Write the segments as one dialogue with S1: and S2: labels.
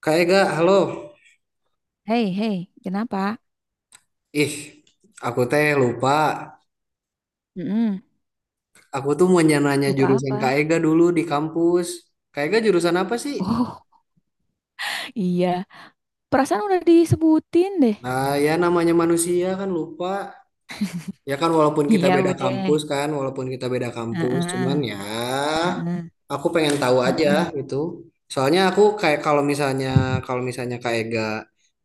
S1: Kak Ega, halo.
S2: Hei, hei, kenapa?
S1: Ih, aku teh lupa.
S2: Mm-mm.
S1: Aku tuh mau nanya
S2: Lupa
S1: jurusan Kak
S2: apa?
S1: Ega dulu di kampus. Kak Ega jurusan apa sih?
S2: Oh, iya. Perasaan udah disebutin deh.
S1: Nah, ya namanya manusia kan lupa. Ya kan walaupun kita
S2: Iya,
S1: beda
S2: udah.
S1: kampus kan, walaupun kita beda
S2: Heeh,
S1: kampus, cuman
S2: heeh,
S1: ya
S2: mm
S1: aku pengen tahu aja gitu. Soalnya aku kayak kalau misalnya Kak Ega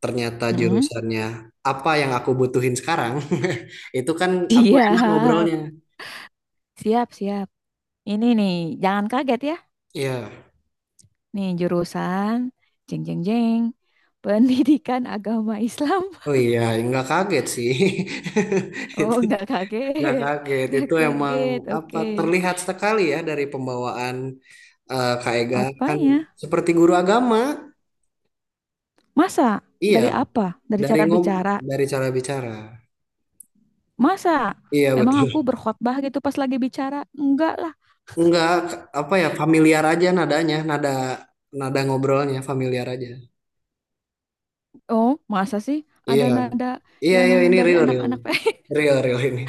S1: ternyata
S2: heeh.
S1: jurusannya apa yang aku butuhin sekarang, itu kan aku enak
S2: Siap,
S1: ngobrolnya.
S2: siap, siap. Ini nih, jangan kaget ya.
S1: Iya.
S2: Nih, jurusan jeng jeng jeng pendidikan agama Islam.
S1: Oh iya, nggak kaget sih.
S2: Oh,
S1: Itu
S2: nggak
S1: nggak
S2: kaget.
S1: kaget.
S2: Nggak
S1: Itu emang
S2: kaget. Oke.
S1: apa terlihat sekali ya dari pembawaan Kak Ega kan
S2: Apanya?
S1: seperti guru agama.
S2: Masa?
S1: Iya,
S2: Dari apa? Dari
S1: dari
S2: cara
S1: ngob
S2: bicara?
S1: dari cara bicara.
S2: Masa?
S1: Iya
S2: Emang aku
S1: betul.
S2: berkhotbah gitu pas lagi bicara? Enggak lah.
S1: Nggak apa ya familiar aja nadanya, nada nada ngobrolnya familiar aja.
S2: Oh, masa sih
S1: Iya,
S2: ada nada
S1: iya,
S2: yang
S1: iya ini
S2: dari
S1: real real,
S2: anak-anak
S1: real real ini.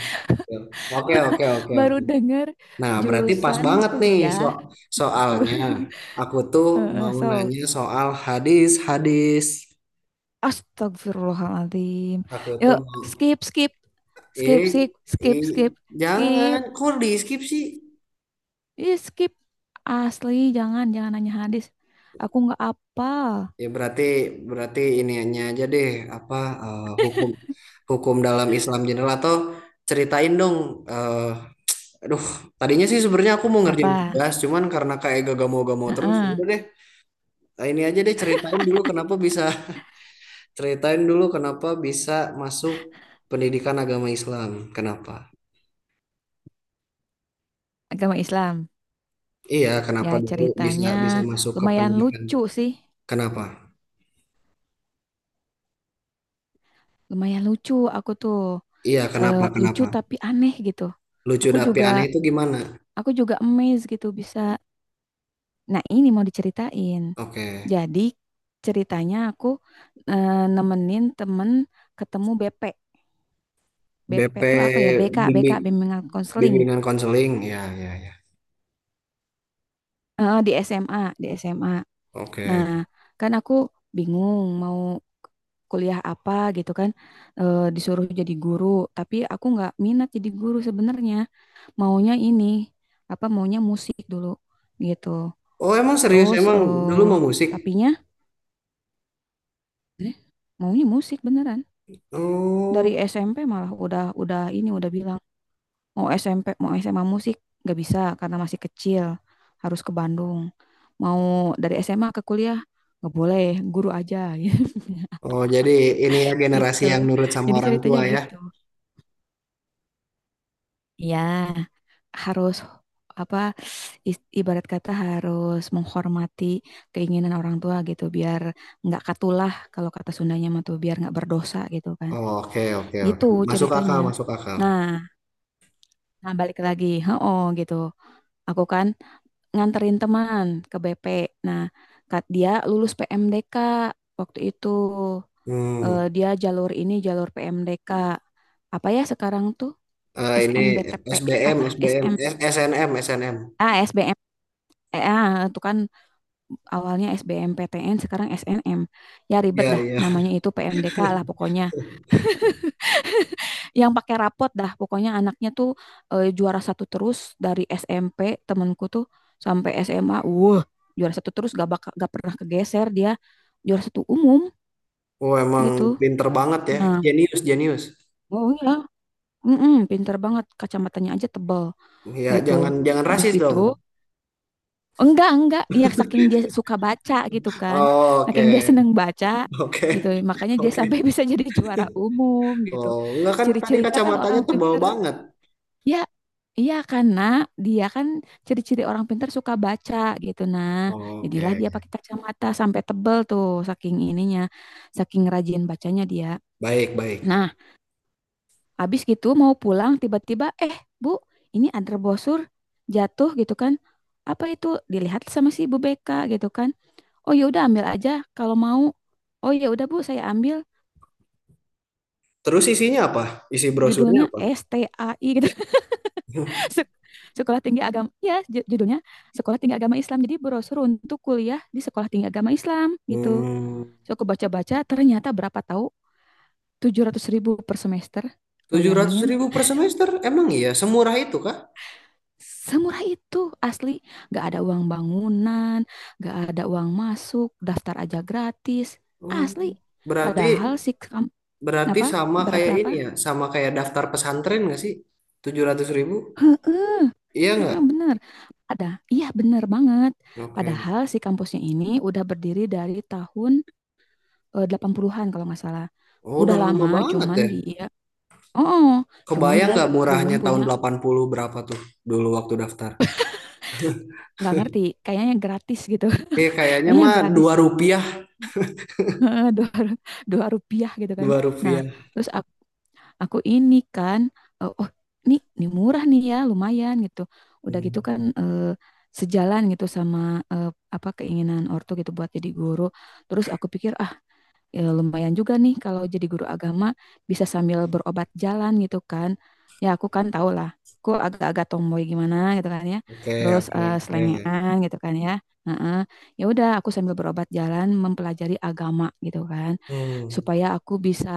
S1: Real. Oke oke oke
S2: baru
S1: oke.
S2: dengar
S1: Nah, berarti pas
S2: jurusan
S1: banget nih
S2: kuliah gitu.
S1: soalnya aku tuh
S2: Heeh,
S1: mau
S2: So,
S1: nanya soal hadis-hadis.
S2: astagfirullahaladzim.
S1: Aku tuh
S2: Yuk,
S1: mau
S2: skip, skip.
S1: eh,
S2: Skip, skip, skip,
S1: eh
S2: skip,
S1: jangan
S2: skip.
S1: kok di skip sih.
S2: Ih, skip. Asli, jangan, jangan nanya hadis. Aku nggak apa.
S1: Ya berarti berarti iniannya aja deh apa hukum hukum dalam Islam general atau ceritain dong. eh Aduh, tadinya sih sebenarnya aku mau ngerjain
S2: Apa?
S1: tugas, cuman karena kayak gak mau terus, ya
S2: Heeh,
S1: udah deh. Nah, ini aja deh ceritain dulu kenapa bisa masuk pendidikan agama Islam. Kenapa?
S2: agama Islam.
S1: Iya,
S2: Ya,
S1: kenapa dulu bisa
S2: ceritanya
S1: bisa masuk ke
S2: lumayan
S1: pendidikan?
S2: lucu sih.
S1: Kenapa?
S2: Lumayan lucu aku tuh.
S1: Iya, kenapa?
S2: Eh, lucu
S1: Kenapa?
S2: tapi aneh gitu.
S1: Lucu
S2: Aku
S1: dapi
S2: juga
S1: aneh itu gimana?
S2: aku juga amazed gitu bisa. Nah, ini mau diceritain.
S1: Oke.
S2: Jadi ceritanya aku nemenin temen ketemu BP. BP
S1: BP
S2: tuh apa ya? BK
S1: bimbing
S2: bimbingan konseling.
S1: bimbingan konseling. Ya, ya, ya.
S2: Di SMA, di SMA. Nah,
S1: Oke.
S2: kan aku bingung mau kuliah apa gitu kan, disuruh jadi guru, tapi aku nggak minat jadi guru sebenarnya. Maunya ini, apa maunya musik dulu gitu.
S1: Oh, emang serius
S2: Terus
S1: emang dulu mau musik?
S2: tapinya eh, maunya musik beneran dari
S1: Oh.
S2: SMP. Malah udah ini udah bilang mau SMP mau SMA musik nggak bisa karena masih kecil, harus ke Bandung. Mau dari SMA ke kuliah nggak boleh, guru aja.
S1: Oh, jadi ini ya generasi
S2: Gitu,
S1: yang nurut sama
S2: jadi
S1: orang
S2: ceritanya
S1: tua ya.
S2: gitu. Iya, harus apa, ibarat kata harus menghormati keinginan orang tua gitu biar nggak katulah, kalau kata Sundanya mah tuh biar nggak berdosa gitu kan,
S1: Oh, oke, oke, oke.
S2: gitu
S1: Masuk
S2: ceritanya.
S1: akal, masuk akal.
S2: Nah, nah balik lagi, oh gitu. Aku kan nganterin teman ke BP. Nah, dia lulus PMDK waktu itu.
S1: Hmm.
S2: Dia jalur ini, jalur PMDK apa ya sekarang tuh?
S1: Ini
S2: SNBTP
S1: SBM,
S2: apa
S1: SBM,
S2: SM,
S1: SNM, SNM.
S2: ah SBM, itu kan awalnya SBMPTN, sekarang SNM. Ya, ribet
S1: Ya,
S2: dah
S1: ya.
S2: namanya, itu PMDK lah pokoknya, yang pakai rapot dah pokoknya. Anaknya tuh, juara satu terus dari SMP temanku tuh sampai SMA. Wah, juara satu terus, gak bakal, gak pernah kegeser dia, juara satu umum
S1: Oh, emang
S2: gitu.
S1: pinter banget ya.
S2: Nah,
S1: Jenius, jenius.
S2: oh iya, pinter banget kacamatanya aja tebal
S1: Ya,
S2: gitu.
S1: jangan jangan
S2: Habis
S1: rasis
S2: gitu.
S1: dong.
S2: Enggak, enggak. Ya saking dia suka baca gitu kan.
S1: Oh, oke.
S2: Saking dia seneng baca gitu.
S1: Oke.
S2: Makanya dia sampai
S1: Oke.
S2: bisa jadi juara umum gitu.
S1: Oh, enggak kan tadi
S2: Ciri-cirinya kan
S1: kacamatanya
S2: orang
S1: tebal
S2: pinter.
S1: banget.
S2: Ya, iya karena dia kan ciri-ciri orang pinter suka baca gitu. Nah, jadilah dia
S1: Oke.
S2: pakai kacamata sampai tebel tuh saking ininya. Saking rajin bacanya dia.
S1: Baik, baik.
S2: Nah, habis gitu mau pulang tiba-tiba, Bu, ini ada brosur jatuh gitu kan. Apa itu? Dilihat sama si Bu Beka gitu kan. Oh, ya udah ambil aja kalau mau. Oh, ya udah Bu, saya ambil.
S1: Terus isinya apa? Isi brosurnya
S2: Judulnya
S1: apa?
S2: STAI gitu. Sek- Sekolah Tinggi Agama. Ya, judulnya Sekolah Tinggi Agama Islam. Jadi brosur untuk kuliah di Sekolah Tinggi Agama Islam gitu.
S1: Hmm,
S2: So aku baca-baca ternyata berapa tahu. 700.000 per semester.
S1: tujuh ratus
S2: Bayangin.
S1: ribu per semester? Emang iya? Semurah itu kah?
S2: Semurah itu asli, gak ada uang bangunan, gak ada uang masuk, daftar aja gratis,
S1: Oh,
S2: asli.
S1: berarti
S2: Padahal si
S1: Berarti
S2: apa
S1: sama
S2: berarti
S1: kayak ini
S2: apa?
S1: ya, sama kayak daftar pesantren nggak sih? 700.000? Iya nggak?
S2: Heeh, bener, ada. Iya, bener banget.
S1: Oke.
S2: Padahal si kampusnya ini udah berdiri dari tahun, 80-an kalau nggak salah.
S1: Oh,
S2: Udah
S1: udah lama
S2: lama,
S1: banget
S2: cuman
S1: ya.
S2: dia, oh, cuman
S1: Kebayang
S2: dia
S1: nggak
S2: belum
S1: murahnya tahun
S2: punya,
S1: 80 berapa tuh dulu waktu daftar?
S2: nggak ngerti. Kayaknya gratis gitu.
S1: Kayaknya
S2: Kayaknya
S1: mah
S2: gratis.
S1: Rp2,
S2: Heeh, dua rupiah gitu kan.
S1: dua
S2: Nah,
S1: rupiah.
S2: terus aku ini kan, oh, ini murah nih ya, lumayan gitu. Udah
S1: Hmm.
S2: gitu kan, sejalan gitu sama, eh, apa keinginan ortu gitu buat jadi guru. Terus aku pikir, ya lumayan juga nih kalau jadi guru agama bisa sambil berobat jalan gitu kan. Ya aku kan tau lah, aku agak-agak tomboy gimana gitu kan ya.
S1: Oke,
S2: Terus
S1: oke, oke.
S2: selengean gitu kan ya. Heeh. Ya udah aku sambil berobat jalan mempelajari agama gitu kan.
S1: Hmm.
S2: Supaya aku bisa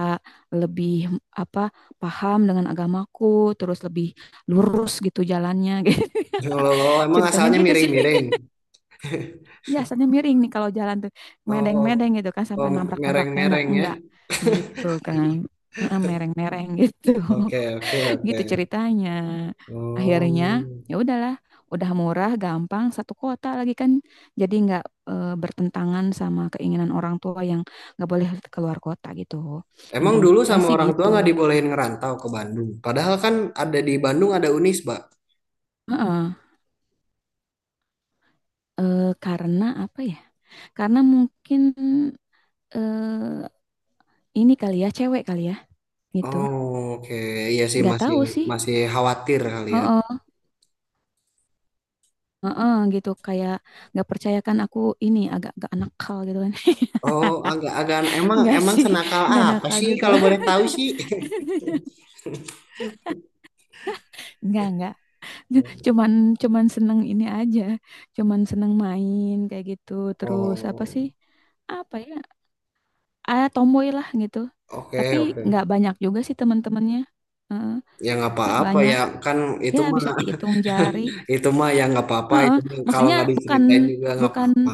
S2: lebih apa paham dengan agamaku, terus lebih lurus gitu jalannya gitu. Ya.
S1: Kalau kalau emang
S2: Ceritanya
S1: asalnya
S2: gitu sih.
S1: miring-miring.
S2: Ya, biasanya miring nih kalau jalan tuh
S1: Oh,
S2: medeng-medeng gitu kan
S1: oh
S2: sampai nabrak-nabrak tembok,
S1: mereng-mereng ya.
S2: enggak gitu kan. Heeh, mereng-mereng gitu.
S1: Oke, oke, oke.
S2: Gitu ceritanya. Akhirnya
S1: Oh.
S2: ya udahlah, udah murah, gampang, satu kota lagi kan, jadi nggak bertentangan sama keinginan orang tua yang nggak boleh keluar kota gitu.
S1: Emang dulu
S2: Intinya
S1: sama
S2: sih
S1: orang tua
S2: gitu.
S1: nggak dibolehin ngerantau ke Bandung. Padahal kan ada di Bandung ada Unisba.
S2: Heeh. Karena apa ya, karena mungkin eh, ini kali ya, cewek kali ya gitu.
S1: Oh, oke. Iya sih
S2: Nggak
S1: masih
S2: tahu sih.
S1: masih khawatir kali ya.
S2: Heeh, heeh, gitu kayak nggak percaya kan aku ini agak-agak nakal gitu kan.
S1: Oh, agak-agak emang
S2: Nggak
S1: emang
S2: sih,
S1: senakal
S2: nggak
S1: apa
S2: nakal
S1: sih
S2: juga.
S1: kalau boleh tahu sih?
S2: Nggak, cuman cuman seneng ini aja, cuman seneng main kayak gitu. Terus apa sih,
S1: Oh,
S2: apa ya, ah tomboy lah gitu. Tapi
S1: oke oke.
S2: nggak banyak juga sih teman-temannya. Heeh,
S1: Ya nggak
S2: nggak
S1: apa-apa
S2: banyak,
S1: ya kan
S2: ya
S1: itu mah
S2: bisa dihitung jari.
S1: itu mah ya nggak apa-apa.
S2: Heeh,
S1: Itu mah kalau
S2: maksudnya
S1: nggak
S2: bukan,
S1: diceritain juga nggak
S2: bukan.
S1: apa-apa.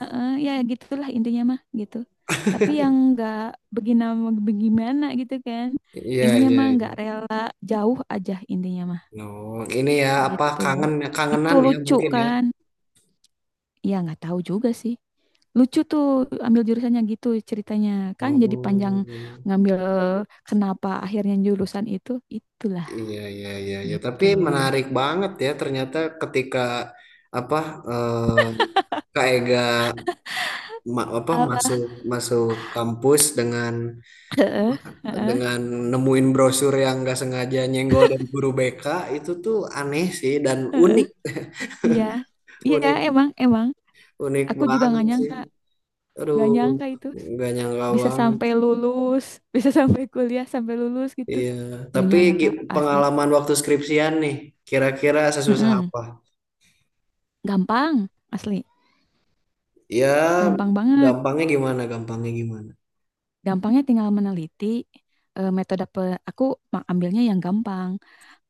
S2: Heeh, ya gitulah intinya mah gitu. Tapi yang nggak begina bagaimana gitu kan.
S1: Iya
S2: Intinya
S1: iya.
S2: mah nggak
S1: Iya.
S2: rela jauh aja intinya mah
S1: No, ini ya apa
S2: gitu.
S1: kangen
S2: Itu
S1: kangenan ya
S2: lucu
S1: mungkin ya.
S2: kan? Ya nggak tahu juga sih. Lucu tuh ambil jurusannya gitu ceritanya, kan jadi panjang,
S1: Oh.
S2: ngambil kenapa akhirnya jurusan itu, itulah
S1: Iya, iya, iya, iya. Tapi
S2: gitu.
S1: menarik banget ya ternyata ketika apa eh, Kak Ega apa
S2: Apa?
S1: masuk masuk kampus dengan
S2: Heeh, heeh,
S1: dengan nemuin brosur yang nggak sengaja nyenggol dan guru BK itu tuh aneh sih dan
S2: heeh.
S1: unik,
S2: Iya, iya
S1: unik,
S2: emang emang.
S1: unik
S2: Aku juga
S1: banget sih. Aduh,
S2: nggak nyangka itu.
S1: nggak nyangka
S2: Bisa
S1: banget.
S2: sampai lulus, bisa sampai kuliah sampai lulus gitu.
S1: Iya.
S2: Gak
S1: Tapi
S2: nyangka asli.
S1: pengalaman waktu skripsian nih, kira-kira sesusah
S2: Mm-mm.
S1: apa?
S2: Gampang, asli.
S1: Ya,
S2: Gampang banget.
S1: gampangnya gimana? Gampangnya gimana?
S2: Gampangnya tinggal meneliti, metode aku ambilnya yang gampang.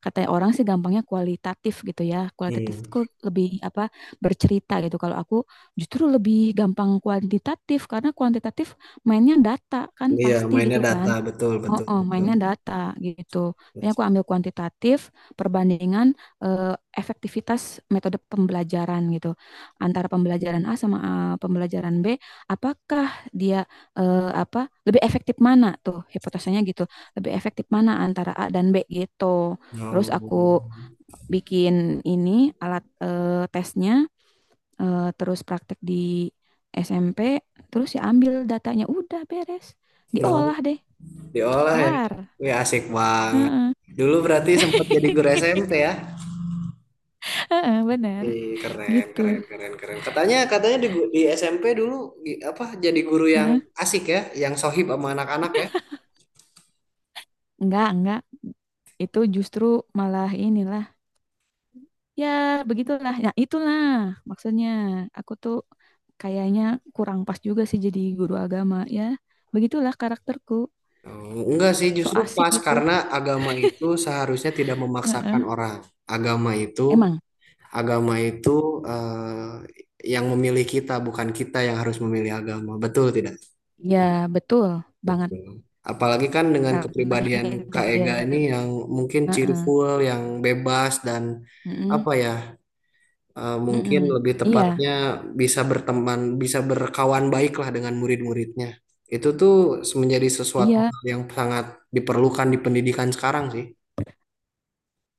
S2: Katanya orang sih gampangnya kualitatif gitu ya. Kualitatif
S1: Hmm.
S2: itu lebih apa bercerita gitu. Kalau aku justru lebih gampang kuantitatif karena kuantitatif mainnya data kan
S1: Iya,
S2: pasti
S1: mainnya
S2: gitu
S1: data
S2: kan.
S1: betul
S2: Oh,
S1: betul
S2: oh,
S1: betul.
S2: mainnya data gitu. Makanya aku ambil kuantitatif perbandingan, eh, efektivitas metode pembelajaran gitu. Antara pembelajaran A sama, pembelajaran B, apakah dia apa lebih efektif mana tuh hipotesanya gitu. Lebih efektif mana antara A dan B gitu. Terus
S1: No,
S2: aku bikin ini alat, tesnya, terus praktek di SMP, terus ya ambil datanya udah beres.
S1: no,
S2: Diolah deh.
S1: diolah ya.
S2: Kelar.
S1: Wih, asik banget.
S2: Heeh.
S1: Dulu berarti sempat jadi guru SMP ya?
S2: Heeh, benar
S1: Wih, keren,
S2: gitu.
S1: keren, keren, keren. Katanya, di SMP dulu apa jadi guru yang
S2: Heeh.
S1: asik ya, yang sohib sama anak-anak ya?
S2: Enggak, enggak. Itu justru malah inilah. Ya, begitulah. Ya, itulah maksudnya. Aku tuh kayaknya kurang pas juga sih jadi guru agama ya. Begitulah karakterku.
S1: Oh, enggak sih,
S2: So
S1: justru
S2: asik
S1: pas
S2: gitu.
S1: karena agama itu seharusnya tidak memaksakan
S2: Heeh.
S1: orang. Agama itu,
S2: Emang,
S1: agama itu yang memilih kita, bukan kita yang harus memilih agama. Betul tidak?
S2: ya betul banget
S1: Betul. Apalagi kan dengan
S2: karena
S1: kepribadian Kak Ega ini
S2: hidayah.
S1: yang mungkin
S2: Heeh.
S1: cheerful, yang bebas dan
S2: Mm-mm.
S1: apa ya, mungkin
S2: Mm-mm.
S1: lebih
S2: Iya,
S1: tepatnya bisa berteman, bisa berkawan baik lah dengan murid-muridnya. Itu tuh menjadi sesuatu
S2: iya.
S1: hal yang sangat diperlukan di pendidikan sekarang sih.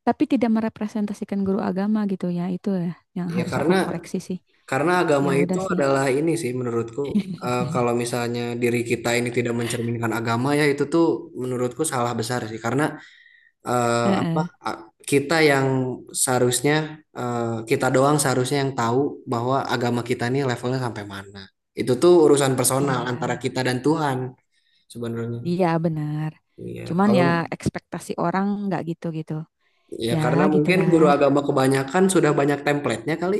S2: Tapi tidak merepresentasikan guru agama gitu ya, itu ya yang
S1: Ya
S2: harus aku
S1: karena
S2: koreksi sih.
S1: karena
S2: Ya
S1: agama itu
S2: udah sih.
S1: adalah ini sih menurutku kalau misalnya diri kita ini tidak mencerminkan agama ya itu tuh menurutku salah besar sih karena eh, apa
S2: Heeh.
S1: a- kita yang seharusnya kita doang seharusnya yang tahu bahwa agama kita ini levelnya sampai mana. Itu tuh urusan personal
S2: Iya,
S1: antara kita dan Tuhan sebenarnya.
S2: iya benar,
S1: Iya,
S2: cuman ya ekspektasi orang nggak gitu gitu.
S1: ya
S2: Ya
S1: karena mungkin guru
S2: gitulah.
S1: agama kebanyakan sudah banyak template-nya kali.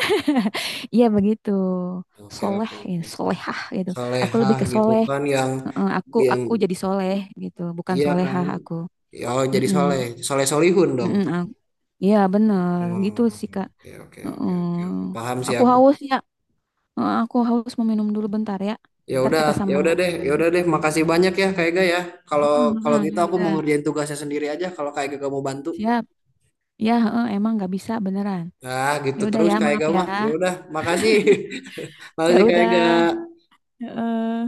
S2: Iya begitu.
S1: Oke,
S2: Soleh
S1: oke,
S2: ya,
S1: oke.
S2: solehah gitu. Aku lebih
S1: Solehah
S2: ke
S1: gitu
S2: soleh.
S1: kan yang
S2: Heeh, aku
S1: yang
S2: aku jadi soleh gitu, bukan
S1: iya kan.
S2: solehah aku.
S1: Ya, Oh, jadi soleh,
S2: Mm-mm.
S1: soleh solihun dong.
S2: Mm-mm. Iya benar
S1: Hmm,
S2: gitu sih Kak.
S1: oke, oke, oke,
S2: Heeh.
S1: oke, oke. Paham sih
S2: Aku
S1: aku.
S2: haus ya. Eh, aku haus mau minum dulu bentar ya.
S1: Ya
S2: Ntar
S1: udah,
S2: kita
S1: ya
S2: sambung
S1: udah deh,
S2: lagi.
S1: ya udah deh. Makasih banyak ya, Kak Ega ya. Kalau
S2: Heeh,
S1: kalau
S2: heeh,
S1: gitu
S2: ya
S1: aku mau
S2: udah.
S1: ngerjain tugasnya sendiri aja. Kalau Kak Ega gak mau bantu,
S2: Siap. Ya, heeh, emang nggak bisa beneran.
S1: ah
S2: Ya
S1: gitu
S2: udah
S1: terus
S2: ya,
S1: Kak
S2: maaf
S1: Ega
S2: ya.
S1: mah. Ya udah, makasih, makasih
S2: Ya
S1: Kak Ega.
S2: udah. Heeh.